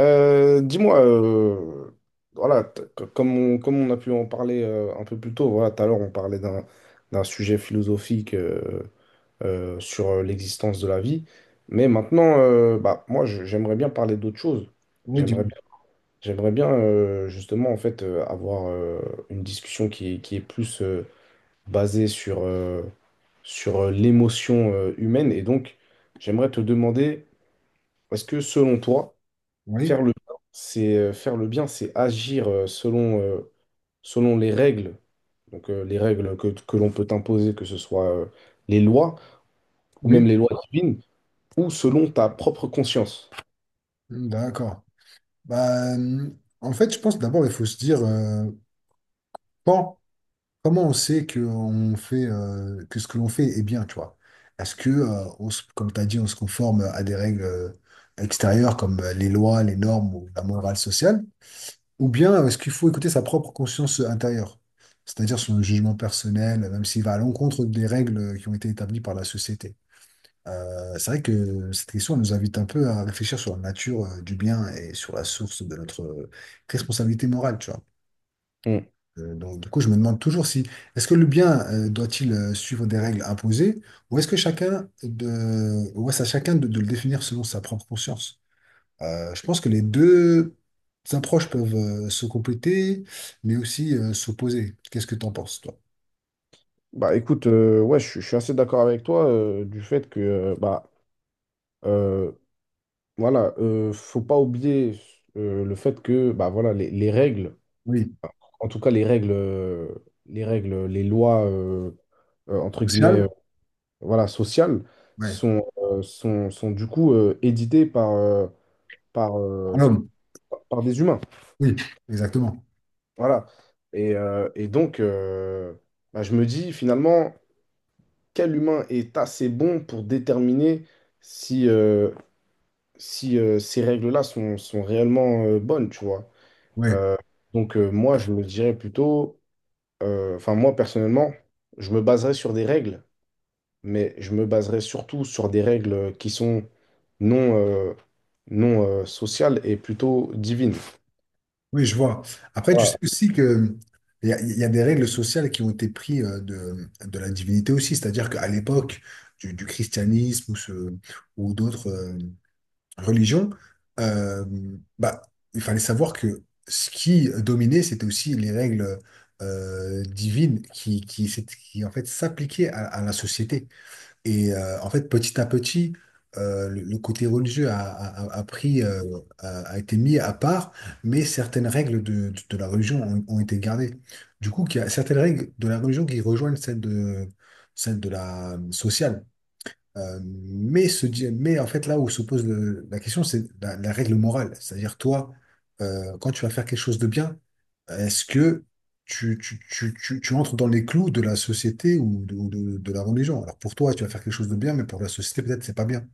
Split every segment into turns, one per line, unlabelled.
Dis-moi, voilà, comme on, comme on a pu en parler un peu plus tôt, voilà, tout à l'heure on parlait d'un sujet philosophique sur l'existence de la vie, mais maintenant, bah, moi j'aimerais bien parler d'autre chose.
Oui,
J'aimerais
du...
bien, j'aimerais bien justement en fait avoir une discussion qui est plus basée sur, sur l'émotion humaine, et donc j'aimerais te demander, est-ce que selon toi
oui,
faire le bien, c'est faire le bien, c'est agir selon, selon les règles, donc les règles que l'on peut t'imposer, que ce soit les lois ou même
oui,
les lois divines, ou selon ta propre conscience.
mmh, d'accord. Bah, euh, En fait, je pense d'abord, il faut se dire quand- comment on sait que, on fait, que ce que l'on fait est bien, tu vois. Est-ce que, on se- comme tu as dit, on se conforme à des règles extérieures comme les lois, les normes ou la morale sociale, ou bien est-ce qu'il faut écouter sa propre conscience intérieure, c'est-à-dire son jugement personnel, même s'il va à l'encontre des règles qui ont été établies par la société. C'est vrai que cette question elle nous invite un peu à réfléchir sur la nature du bien et sur la source de notre responsabilité morale, tu vois.
Hmm.
Du coup, je me demande toujours si, est-ce que le bien doit-il suivre des règles imposées ou est-ce que chacun de, ou est-ce à chacun de le définir selon sa propre conscience? Je pense que les deux approches peuvent se compléter, mais aussi s'opposer. Qu'est-ce que tu en penses, toi?
Bah écoute, ouais, je suis assez d'accord avec toi du fait que bah euh, voilà, faut pas oublier le fait que bah voilà les règles,
Oui.
en tout cas les règles, les règles, les lois entre
Social?
guillemets voilà, sociales
Ouais.
sont, sont du coup éditées par, par,
À
euh,
l'homme.
par des humains.
Oui, exactement.
Voilà. Et donc, bah, je me dis finalement, quel humain est assez bon pour déterminer si, ces règles-là sont, sont réellement bonnes, tu vois.
Oui.
Donc, moi, je me dirais plutôt, enfin, moi, personnellement, je me baserais sur des règles mais je me baserai surtout sur des règles qui sont non, non sociales et plutôt divines.
Oui, je vois. Après, tu sais
Voilà.
aussi que il y a des règles sociales qui ont été prises de la divinité aussi, c'est-à-dire qu'à l'époque du christianisme ou d'autres religion, euh, bah, il fallait savoir que ce qui dominait, c'était aussi les règles divines qui, qui, en fait s'appliquaient à la société. Et en fait, petit à petit, le côté religieux a pris, a été mis à part, mais certaines règles de la religion ont, ont été gardées. Du coup, il y a certaines règles de la religion qui rejoignent celles de la sociale. Mais en fait, là où se pose la question, c'est la, la règle morale. C'est-à-dire, toi, quand tu vas faire quelque chose de bien, est-ce que tu entres dans les clous de la société ou de la religion? Alors pour toi, tu vas faire quelque chose de bien, mais pour la société, peut-être, c'est pas bien.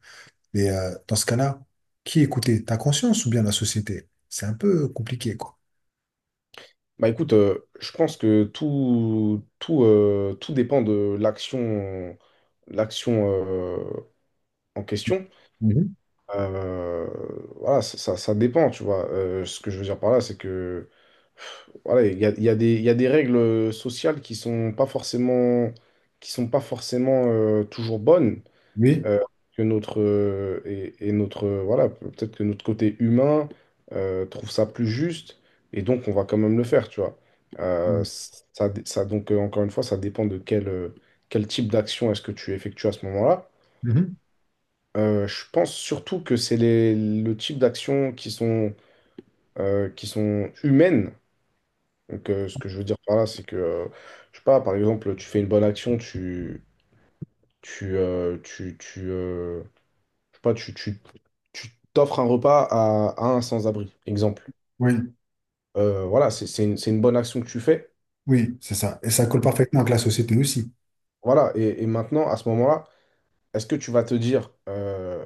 Mais dans ce cas-là, qui écouter? Ta conscience ou bien la société? C'est un peu compliqué, quoi.
Bah écoute, je pense que tout dépend de l'action, l'action en question.
Mhm.
Euh, voilà, ça dépend, tu vois. Ce que je veux dire par là, c'est que voilà, il y a il y a des règles sociales qui sont pas forcément, qui sont pas forcément toujours bonnes.
Oui.
Euh, que notre et Notre voilà peut-être que notre côté humain trouve ça plus juste et donc on va quand même le faire tu vois.
Mhm.
Ça, dé- ça donc Encore une fois ça dépend de quel quel type d'action est-ce que tu effectues à ce moment-là.
Mhm.
Je pense surtout que c'est les le type d'actions qui sont humaines donc ce que je veux dire par là c'est que je sais pas par exemple tu fais une bonne action tu euh, tu tu, euh, je sais pas, tu t'offres un repas à un sans-abri, exemple.
Oui,
Voilà, c'est une bonne action que tu fais.
oui, c'est ça. Et ça colle parfaitement avec la société aussi.
Voilà, et maintenant, à ce moment-là, est-ce que tu vas te dire,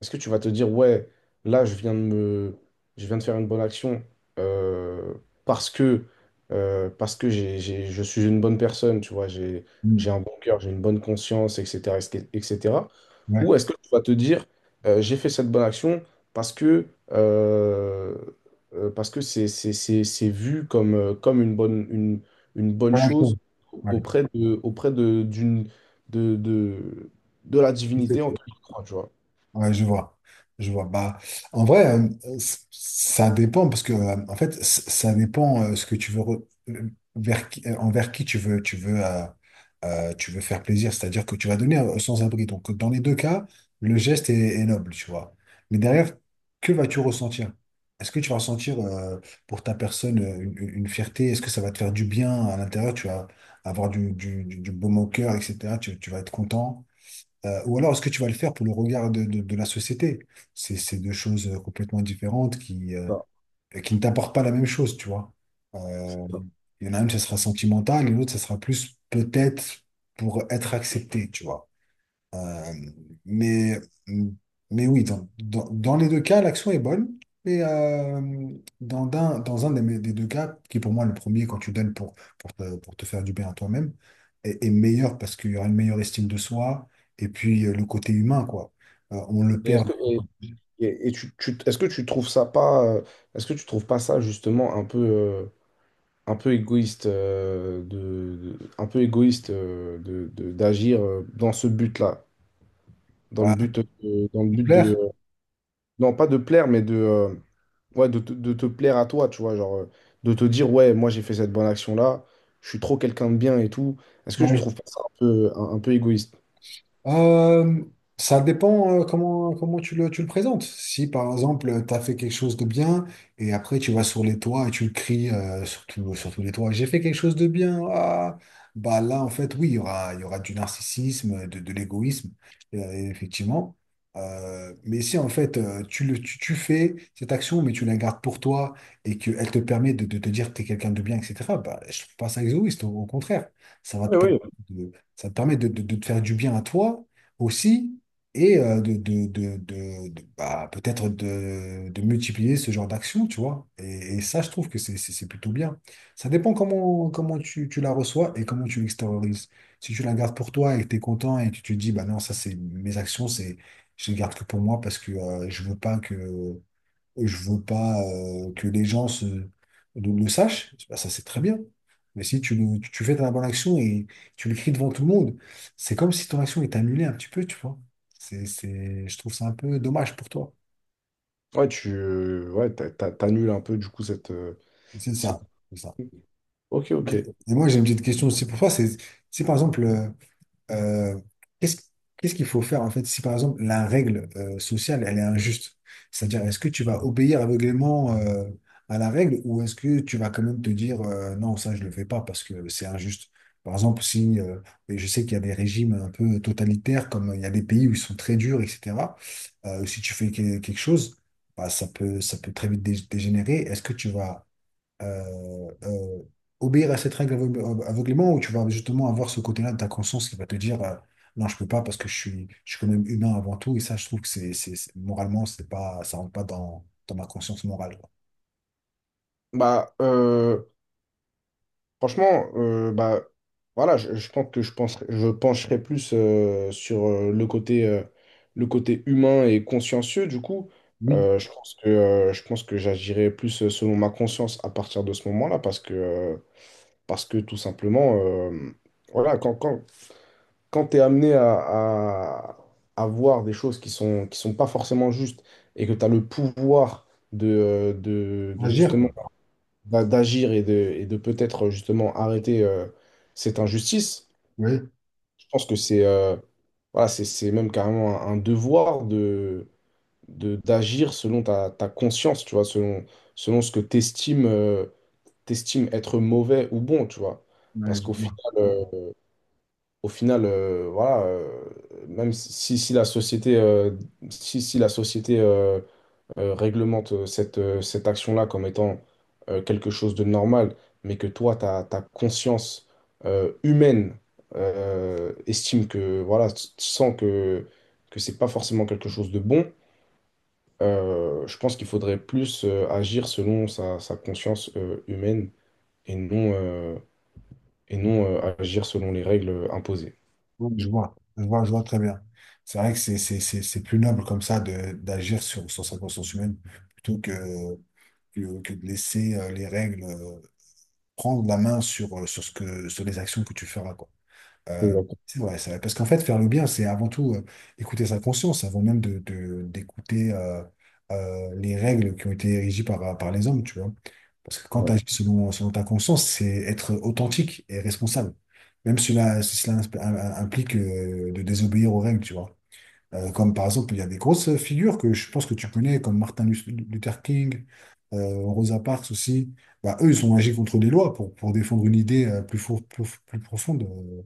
est-ce que tu vas te dire, ouais, là, je viens de faire une bonne action euh, parce que, parce que je suis une bonne personne, tu vois,
Mhm.
j'ai un bon cœur, j'ai une bonne conscience, etc., etc.
Ouais.
Ou est-ce que tu vas te dire, j'ai fait cette bonne action parce que, euh, parce que c'est vu comme, comme une une bonne
Voilà.
chose auprès de, de, de, de la divinité en
Ouais.
qui tu crois, tu vois.
Ouais, je vois. Je vois. En vrai, ça dépend parce que, en fait, ça dépend ce que tu veux, vers qui, envers qui tu veux faire plaisir. C'est-à-dire que tu vas donner sans abri. Donc, dans les deux cas, le geste est, est noble, tu vois. Mais derrière, que vas-tu ressentir? Est-ce que tu vas ressentir pour ta personne une, une fierté? Est-ce que ça va te faire du bien à l'intérieur? Tu vas avoir du baume au cœur, etc. Tu vas être content. Ou alors, est-ce que tu vas le faire pour le regard de la société? C'est deux choses complètement différentes qui ne t'apportent pas la même chose, tu vois. Euh,
Non.
il y en a une, ça sera sentimental, et l'autre, ça sera plus peut-être pour être accepté, tu vois. Euh, mais, mais oui, dans les deux cas, l'action est bonne. Mais dans un, des deux cas, qui est pour moi le premier, quand tu donnes pour, pour te faire du bien à toi-même, est, est meilleur parce qu'il y aura une meilleure estime de soi et puis le côté humain, quoi. On le
Et
perd
est-ce que tu trouves ça pas, est-ce que tu trouves pas ça justement un peu égoïste, un peu égoïste d'agir dans ce but-là,
à
dans le but de,
plaire.
non pas de plaire, mais de, ouais, de te plaire à toi, tu vois, genre de te dire ouais, moi j'ai fait cette bonne action-là, je suis trop quelqu'un de bien et tout. Est-ce que tu trouves pas ça un peu, un peu égoïste?
Euh, Ça dépend comment, comment tu le présentes. Si par exemple, tu as fait quelque chose de bien et après tu vas sur les toits et tu le cries sur sur tous les toits, j'ai fait quelque chose de bien. Bah là, en fait, oui, il y aura du narcissisme, de l'égoïsme, euh, effectivement. Mais si en fait, tu fais cette action, mais tu la gardes pour toi et qu'elle te permet de te dire que tu es quelqu'un de bien, etc., bah, je trouve pas ça égoïste, au contraire. Ça va te
Oui,
permettre.
oui.
de, Ça te permet de, de te faire du bien à toi aussi et de- bah, peut-être de multiplier ce genre d'action, tu vois. Et ça, je trouve que c'est plutôt bien. Ça dépend comment, comment tu la reçois et comment tu l'extériorises. Si tu la gardes pour toi et que tu es content et que tu te dis, bah non, ça, c'est mes actions, c'est, je les garde que pour moi parce que je veux pas que et je veux pas que les gens se, le sachent, bah, ça c'est très bien. Mais si tu fais ta bonne action et tu l'écris devant tout le monde, c'est comme si ton action est annulée un petit peu, tu vois. Je trouve ça un peu dommage pour toi.
Ouais, ouais, t'annules un peu du coup cette,
C'est
cette...
ça, c'est ça.
Ok, ok.
Ouais. Et moi, j'ai une petite question aussi pour toi. C'est par exemple, euh, qu'est-ce qu'est-ce qu'il faut faire en fait si par exemple la règle sociale elle est injuste? C'est-à-dire est-ce que tu vas obéir aveuglément à la règle ou est-ce que tu vas quand même te dire non ça je le fais pas parce que c'est injuste? Par exemple si et je sais qu'il y a des régimes un peu totalitaires comme il y a des pays où ils sont très durs etc. Si tu fais quelque chose bah, ça peut très vite dégénérer. Est-ce que tu vas euh, euh, obéir à cette règle aveuglément où tu vas justement avoir ce côté-là de ta conscience qui va te dire non, je peux pas parce que je suis quand même humain avant tout. Et ça, je trouve que moralement, c'est pas, ça rentre pas dans ma conscience morale. Quoi.
Bah, franchement, bah, voilà, je pense que je pencherai plus sur le côté humain et consciencieux, du coup.
Oui,
Je pense que j'agirai plus selon ma conscience à partir de ce moment-là, parce que tout simplement, voilà, quand tu es amené à voir des choses qui sont pas forcément justes et que tu as le pouvoir de,
agir,
de
quoi.
d'agir et de peut-être justement arrêter cette injustice.
Oui,
Je pense que c'est voilà, c'est même carrément un devoir d'agir selon ta, ta conscience, tu vois, selon, selon ce que tu estimes, être mauvais ou bon, tu vois.
ouais,
Parce
je
qu'au
vois.
final, au final voilà, même si, si la société, si la société réglemente cette, cette action-là comme étant quelque chose de normal, mais que toi, ta, ta conscience humaine estime que, voilà, tu sens que c'est pas forcément quelque chose de bon, je pense qu'il faudrait plus agir selon sa, sa conscience humaine et non, euh, et non agir selon les règles imposées.
Oui, je vois. Je vois, je vois très bien. C'est vrai que c'est plus noble comme ça de d'agir sur, sur sa conscience humaine plutôt que, que de laisser les règles prendre la main sur, sur les actions que tu feras, quoi. Euh,
Exactement.
c'est vrai, c'est vrai. Parce qu'en fait, faire le bien, c'est avant tout écouter sa conscience, avant même de, d'écouter les règles qui ont été régies par, par les hommes, tu vois. Parce que quand tu
Ouais,
agis selon, selon ta conscience, c'est être authentique et responsable. Même si cela, si cela implique de désobéir aux règles, tu vois. Comme par exemple, il y a des grosses figures que je pense que tu connais, comme Martin Luther King, Rosa Parks aussi. Bah, eux, ils ont agi contre des lois pour défendre une idée plus profonde euh,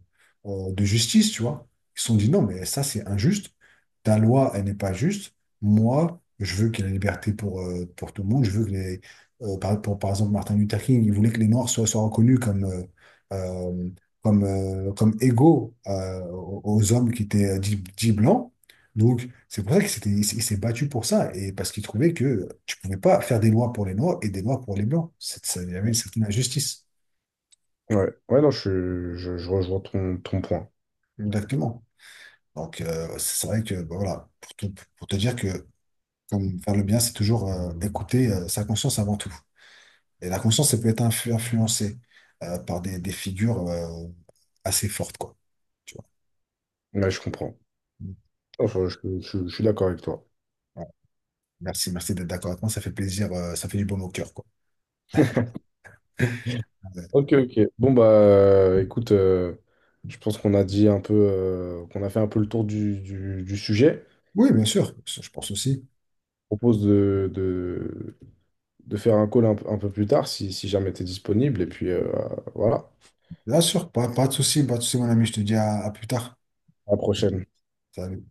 euh, de justice, tu vois. Ils se sont dit non, mais ça, c'est injuste. Ta loi, elle n'est pas juste. Moi, je veux qu'il y ait la liberté pour tout le monde. Je veux que les. Par exemple, Martin Luther King, il voulait que les Noirs soient, soient reconnus comme. Euh, comme, comme égaux aux aux hommes qui étaient dits dits blancs. Donc, c'est pour ça il s'est battu pour ça, et parce qu'il trouvait que tu pouvais pas faire des lois pour les Noirs et des lois pour les Blancs. Il y avait une certaine injustice.
ouais, ouais, non, je rejoins ton, ton point.
Exactement. Donc, c'est vrai que, bah, voilà, pour te dire que comme faire le bien, c'est toujours écouter sa conscience avant tout. Et la conscience, elle peut être influencée par des figures assez fortes, quoi. Tu vois.
Ouais, je comprends.
Mm.
Enfin, je suis d'accord avec toi.
Voilà. Merci, merci d'être d'accord avec moi. Ça fait plaisir, ça fait du baume au cœur, quoi. Ouais.
Ok, ok. Bon, bah, écoute, je pense qu'on a dit un peu, qu'on a fait un peu le tour du, du sujet.
Oui, bien sûr, je pense aussi.
Je propose de faire un call un peu plus tard si, si jamais tu es disponible. Et puis, voilà,
Bien sûr, pas, pas de souci, pas de souci, mon ami, je te dis à plus tard.
à la prochaine.
Salut.